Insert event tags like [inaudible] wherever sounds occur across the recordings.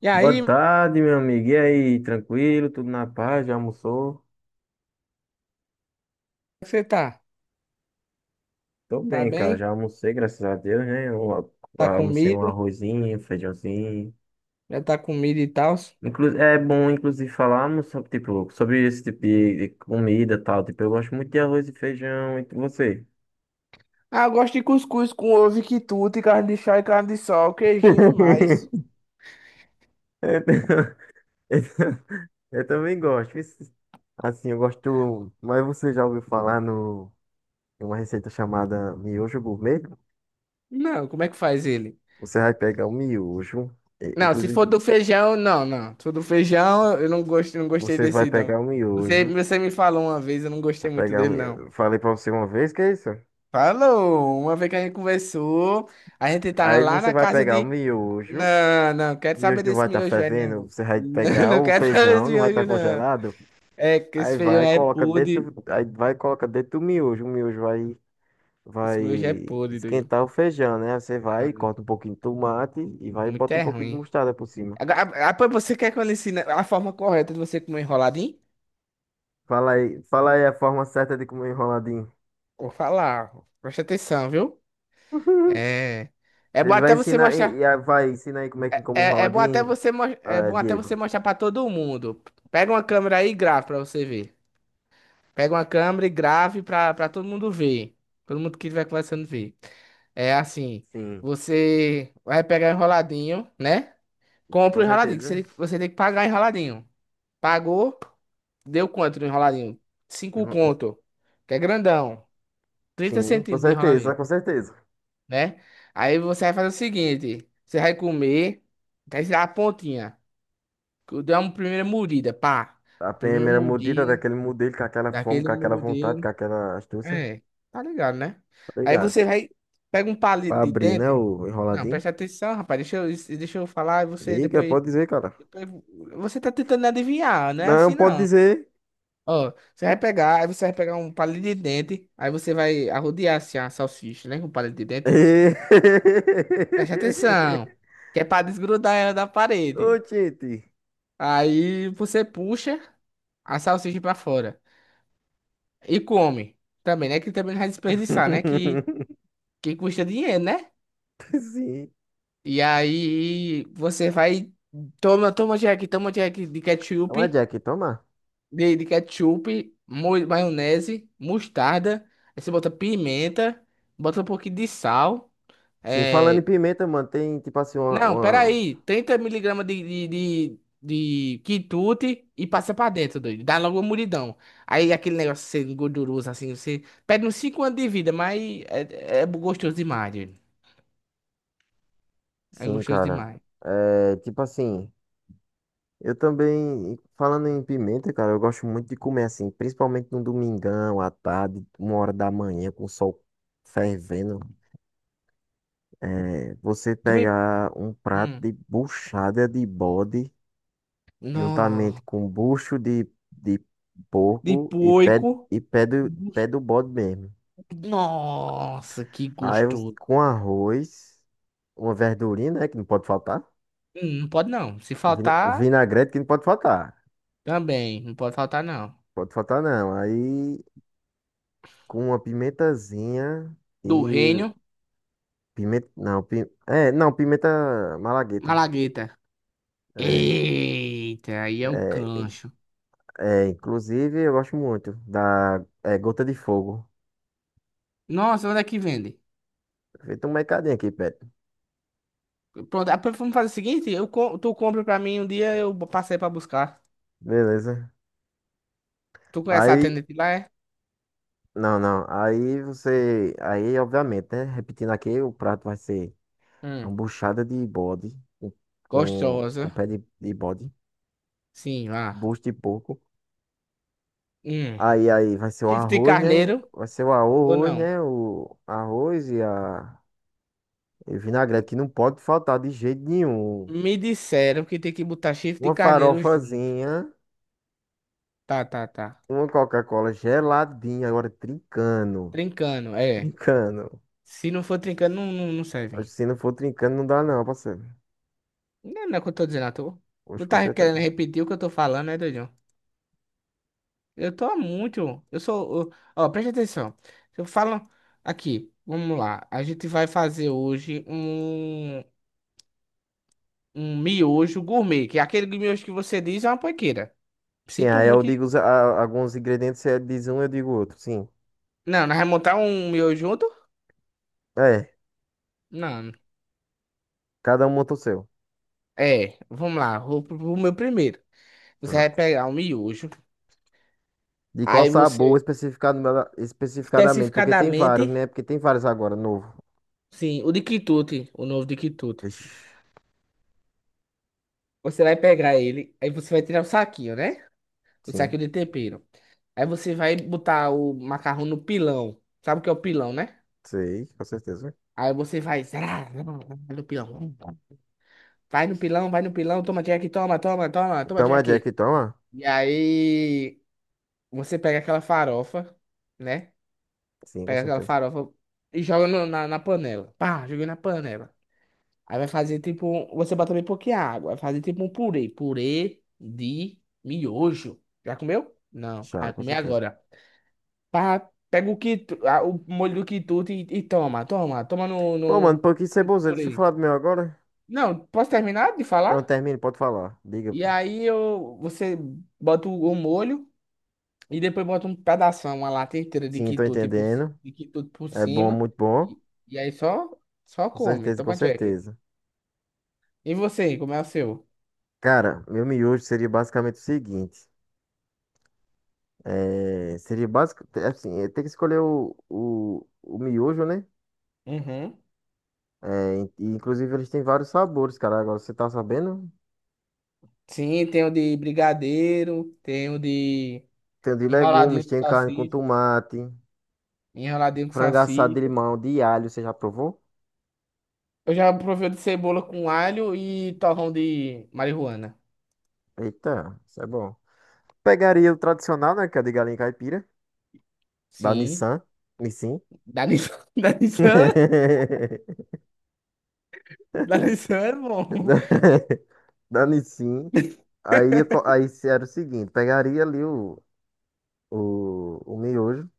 E Boa aí, como tarde, meu amigo. E aí, tranquilo? Tudo na paz? Já almoçou? é que você tá? Tô Tá bem, cara. Já bem? almocei, graças a Deus, né? Eu Tá almocei um comido? arrozinho, um feijãozinho. Já tá comido e tal? Inclu é bom, inclusive, falarmos sobre, tipo, sobre esse tipo de comida e tal. Tipo, eu gosto muito de arroz e feijão. E você? Ah, eu gosto de cuscuz com ovo e quitute, carne de chá e carne de sol, queijinho e mais. [laughs] Eu, tam- [laughs] eu tam- eu também gosto. Assim, eu gosto. Mas você já ouviu falar no em uma receita chamada miojo gourmet? Não, como é que faz ele? Você vai pegar o miojo, Não, se for inclusive. do feijão, não, não. Se for do feijão, eu não gosto, não gostei Você vai desse, pegar não. o Você, miojo. você me falou uma vez, eu não gostei Vai muito pegar o dele, não. miojo. Falei pra você uma vez que é isso? Falou! Uma vez que a gente conversou, a gente tava Aí lá você na vai casa pegar o de... miojo. Não, não, O quero saber miojo não vai desse estar miojo, fervendo. velho. Você vai Não, [laughs] pegar não o quero saber feijão, desse não vai estar miojo, não. congelado. É, que esse Aí feijão vai, é coloca podre. dentro. Aí vai, coloca dentro do miojo. O miojo vai, vai Esse meu já é podre, doido. esquentar o feijão, né? Aí você vai, Ah, corta um pouquinho de tomate e vai e muito bota um é pouquinho de ruim. mostarda por cima. Agora, ah, pô, você quer que eu lhe ensine a forma correta de você comer enroladinho? Fala aí a forma certa de comer enroladinho. Vou falar. Ó, preste atenção, viu? [laughs] É. É bom Ele vai até você ensinar, mostrar. Vai ensinar aí como é que come É, é bom até enroladinho, você mo- é ah, bom até você Diego. mostrar pra todo mundo. Pega uma câmera aí e grave pra você ver. Pega uma câmera e grave pra, pra todo mundo ver. Todo mundo que estiver conversando ver. É assim. Sim, Você vai pegar enroladinho, né? Compra com o enroladinho, certeza. Que você tem que pagar enroladinho. Pagou, deu quanto no enroladinho? Cinco Uhum. conto, que é grandão. trinta Sim, com centímetros de certeza, enroladinho, com certeza. né? Aí você vai fazer o seguinte, você vai comer, vai tirar a pontinha. Dá uma primeira mordida, pá. A Primeira primeira mordida mordida, daquele modelo com aquela fome, daquele com aquela vontade, com modelo. aquela astúcia. É, tá ligado, né? Aí Obrigado. você vai, pega um palito Pra de abrir, né, dente. o Não, enroladinho. presta atenção, rapaz. Deixa eu falar e você Liga, depois, pode dizer, cara. depois. Você tá tentando adivinhar, não é Não, assim pode não. dizer. Ó, aí você vai pegar um palito de dente, aí você vai arrodear assim a salsicha, né, com o palito de dente. Preste atenção, [laughs] que é pra desgrudar ela da Ô, parede. gente. Aí você puxa a salsicha pra fora e come. Também, né, que também não vai desperdiçar, né, [laughs] que custa dinheiro, né? Sim. E aí você vai, toma Jack de Toma, ketchup, Jack, toma. De ketchup, maionese, mostarda, aí você bota pimenta, bota um pouquinho de sal. Sim, falando em É... pimenta, mano, tem tipo assim Não, uma-. peraí. 30 miligramas de quitute e passa pra dentro, doido. Dá logo uma mulidão. Aí aquele negócio sendo gorduroso, assim, você perde uns 5 anos de vida, mas é, é gostoso demais, doido. É Sim, gostoso cara. demais. É, tipo assim. Eu também, falando em pimenta, cara, eu gosto muito de comer assim, principalmente no domingão, à tarde, uma hora da manhã, com o sol fervendo. É, você Tu me... pegar um prato Hum. de buchada de bode, juntamente Nó. com bucho de De porco e pé, poico. e pé do, pé do bode mesmo. Nossa, que Aí você- gostoso. com arroz, uma verdurinha, né, que não pode faltar. Não pode não. Se O faltar, vinagrete que não pode faltar. também. Não pode faltar, não. Pode faltar não. Aí com uma pimentazinha Do e reino, pimenta, não, é, não, pimenta malagueta. malagueta. É, Eita, aí é o é, cancho. é, inclusive eu gosto muito da gota de fogo. Nossa, onde é que vende? Feito um mercadinho aqui, perto. Pronto, ah, vamos fazer o seguinte, tu compra pra mim um dia, eu passei pra buscar. Beleza. Tu conhece a Aí, atendente lá, é? não, não. Aí obviamente, né? Repetindo aqui, o prato vai ser uma Hum, buchada de bode com, com gostosa. pé de bode, Sim, lá. bucho de porco. Hum. Aí vai ser o Chifre de arroz, né? carneiro Vai ser o ou arroz, não? né? O arroz e a e vinagrete que não pode faltar de jeito nenhum. Me disseram que tem que botar chifre de Uma carneiro junto. farofazinha, Tá, tá, tá. uma Coca-Cola geladinha, agora trincando. Trincando, é. Trincando. Se não for trincando, não serve. Acho que se não for trincando, não dá não, parceiro. Não é o que eu tô dizendo, tu. Hoje Tu com tá certeza. querendo repetir o que eu tô falando, né, doido? Eu tô há muito. Eu sou. Ó, preste atenção. Eu falo aqui, vamos lá. A gente vai fazer hoje um miojo gourmet, que é aquele miojo que você diz é uma panqueira. Sim, Sinto aí eu muito. digo alguns ingredientes, você diz um, eu digo outro. Sim. Não, nós vamos montar um miojo junto? É, Não. cada um monta o seu. É, vamos lá. Vou pro meu primeiro. Você vai Pronto. pegar um miojo. De qual Aí sabor você, especificado especificadamente? Porque tem vários, especificadamente, né? Porque tem vários agora, novo. sim, o de quitute, o novo de quitute. Ixi. Você vai pegar ele, aí você vai tirar o saquinho, né? O Sim, saquinho de tempero. Aí você vai botar o macarrão no pilão. Sabe o que é o pilão, né? sei, com certeza. Aí você vai. Zá, zá, zá, no pilão. Vai no pilão, vai no pilão, toma Jack, toma Toma Jack, Jack. toma. E aí você pega aquela farofa, né? Sim, com Pega aquela certeza. farofa e joga na panela. Pá, joguei na panela. Aí vai fazer tipo. Um- Você bota bem pouquinha água. Vai fazer tipo um purê. Purê de miojo. Já comeu? Não. Já, Vai com comer certeza. agora. Pá, pega o, quitu, ah, o molho do quitute e toma, no, Pô, mano, pô, que no ceboseiro. Deixa eu purê. falar do meu agora. Não, posso terminar de falar? Não, termine, pode falar. Diga. Você bota o molho e depois bota um pedaço, uma lata inteira de Sim, tô quitute entendendo. de quitute por É bom, cima. muito bom. E, e aí só, só Com come, certeza, com toma check. certeza. E você, como é o seu? Cara, meu miojo seria basicamente o seguinte. É, seria básico, assim, tem que escolher o miojo, né? Uhum. É, e, inclusive eles têm vários sabores, cara. Agora você tá sabendo? Sim, tem o de brigadeiro, tem o de Tem o de enroladinho legumes, de tem carne com salsicha, tomate, enroladinho com frango assado de salsicha. limão, de alho, você já provou? Eu já provei o de cebola com alho e torrão de marihuana. Eita, isso é bom. Pegaria o tradicional, né? Que é o de galinha caipira. Da Sim. Nissan. Nissin. Da Nissan. [laughs] Da Nissan? [laughs] Da Nissan é bom. Da da Nissin. Aí se era o seguinte: pegaria ali o miojo,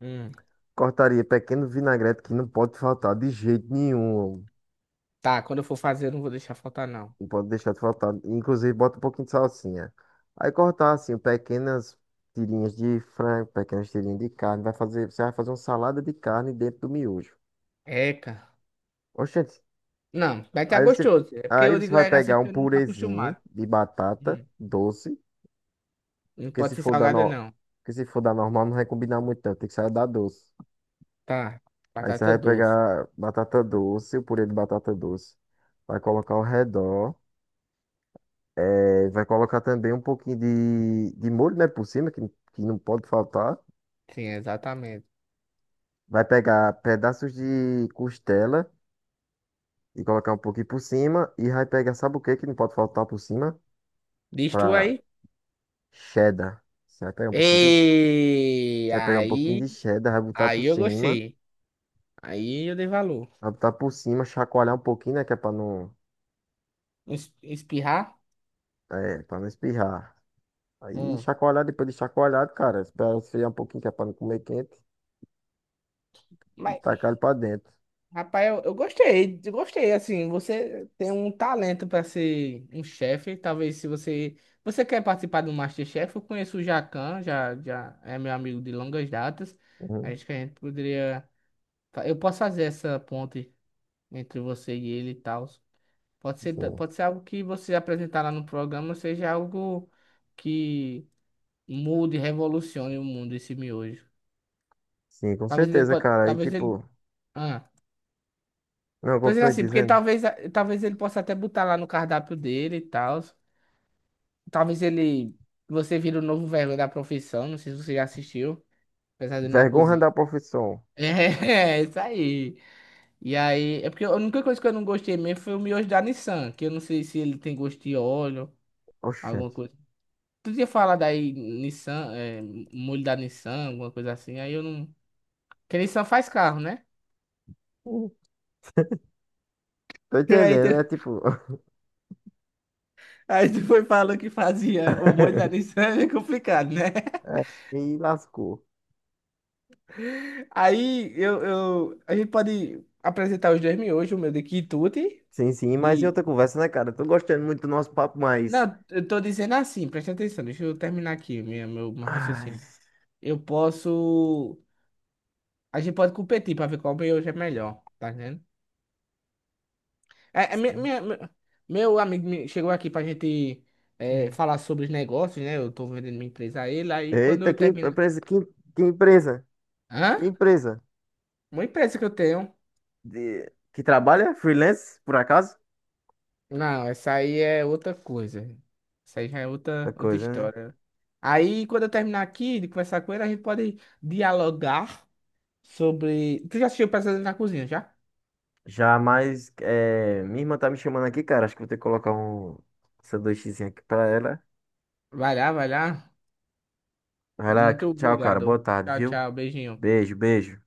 Hum, cortaria pequeno vinagrete que não pode faltar de jeito nenhum. tá, quando eu for fazer, eu não vou deixar faltar, não. Não pode deixar de faltar. Inclusive, bota um pouquinho de salsinha. Aí cortar assim, pequenas tirinhas de frango, pequenas tirinhas de carne. Você vai fazer uma salada de carne dentro do miojo. Eca. Oxente, Não, vai ficar aí você, gostoso. É porque aí eu você digo vai eca assim pegar um porque eu não tô purezinho acostumado. de batata Hum. doce. Não Porque pode se ser for da, salgada, no... não. Porque se for da normal, não vai combinar muito, não. Tem que sair da doce. Tá. Aí você Batata vai doce. pegar batata doce, o purê de batata doce. Vai colocar ao redor. É, vai colocar também um pouquinho de molho, né, por cima, que não pode faltar. Sim, exatamente. Vai pegar pedaços de costela e colocar um pouquinho por cima. E vai pegar, sabe o que que não pode faltar por cima? Diz tu Pra aí. cheddar. Você Ei, vai pegar um pouquinho aí. de cheddar, vai botar por Aí eu cima. gostei. Aí eu dei valor. Vai botar por cima, chacoalhar um pouquinho, né, que é pra não. Espirrar? É, pra não espirrar. Aí Hum. chacoalhar, depois de chacoalhado, cara, espera esfriar um pouquinho, que é pra não comer quente, e tacar ele pra dentro. Rapaz, eu gostei, assim, você tem um talento para ser um chefe, talvez se você, você quer participar do MasterChef, eu conheço o Jacan, já é meu amigo de longas datas, Uhum. acho que a gente poderia, eu posso fazer essa ponte entre você e ele e tal, pode Sim. ser, pode ser algo que você apresentar lá no programa, seja algo que mude, revolucione o mundo, esse miojo, Sim, com talvez ele certeza, pode, cara. Aí, talvez ele, tipo, ah. não, Tô dizendo continue assim, porque dizendo. talvez, talvez ele possa até botar lá no cardápio dele e tal. Talvez ele. Você vira o novo vergonha da profissão, não sei se você já assistiu, apesar dele na Vergonha cozinha. da [laughs] profissão. É, é isso aí. E aí, é porque a única coisa que eu não gostei mesmo foi o miojo da Nissan, que eu não sei se ele tem gosto de óleo, alguma Oxente. coisa. Tu tinha falado aí, Nissan, é, molho da Nissan, alguma coisa assim, aí eu não. Porque Nissan faz carro, né? Hum. Tô [laughs] Aí tu, entendendo, né? Tipo, [laughs] aí tu foi falando que fazia o molho da Nissan, é complicado, né? é, e lascou. Aí eu, a gente pode apresentar os 2 miojos, o meu de quitute Sim, sim, mas em e. outra conversa, né, cara? Tô gostando muito do nosso papo, mas. Não, eu tô dizendo assim, presta atenção, deixa eu terminar aqui meu Ai, raciocínio. Eu posso. A gente pode competir pra ver qual miojo é melhor, tá vendo? É, é, minha- sim. minha- meu meu amigo chegou aqui pra gente é, falar sobre os negócios, né? Eu tô vendendo minha empresa a ele, aí quando Eita, eu que termino. empresa, que empresa? Hã? Que empresa? Uma empresa que eu tenho. De... Que trabalha? Freelance, por acaso? Não, essa aí é outra coisa. Essa aí já é Da outra, outra coisa, né? história. Aí, quando eu terminar aqui de conversar com ele, a gente pode dialogar sobre. Tu já assistiu Pesadelo na Cozinha, já? Já mais. É, minha irmã tá me chamando aqui, cara. Acho que vou ter que colocar um sanduíchezinho aqui pra ela. Vai lá, vai lá. Vai lá, Muito tchau, cara. Boa obrigado. tarde, Tchau, viu? tchau. Beijinho. Beijo, beijo.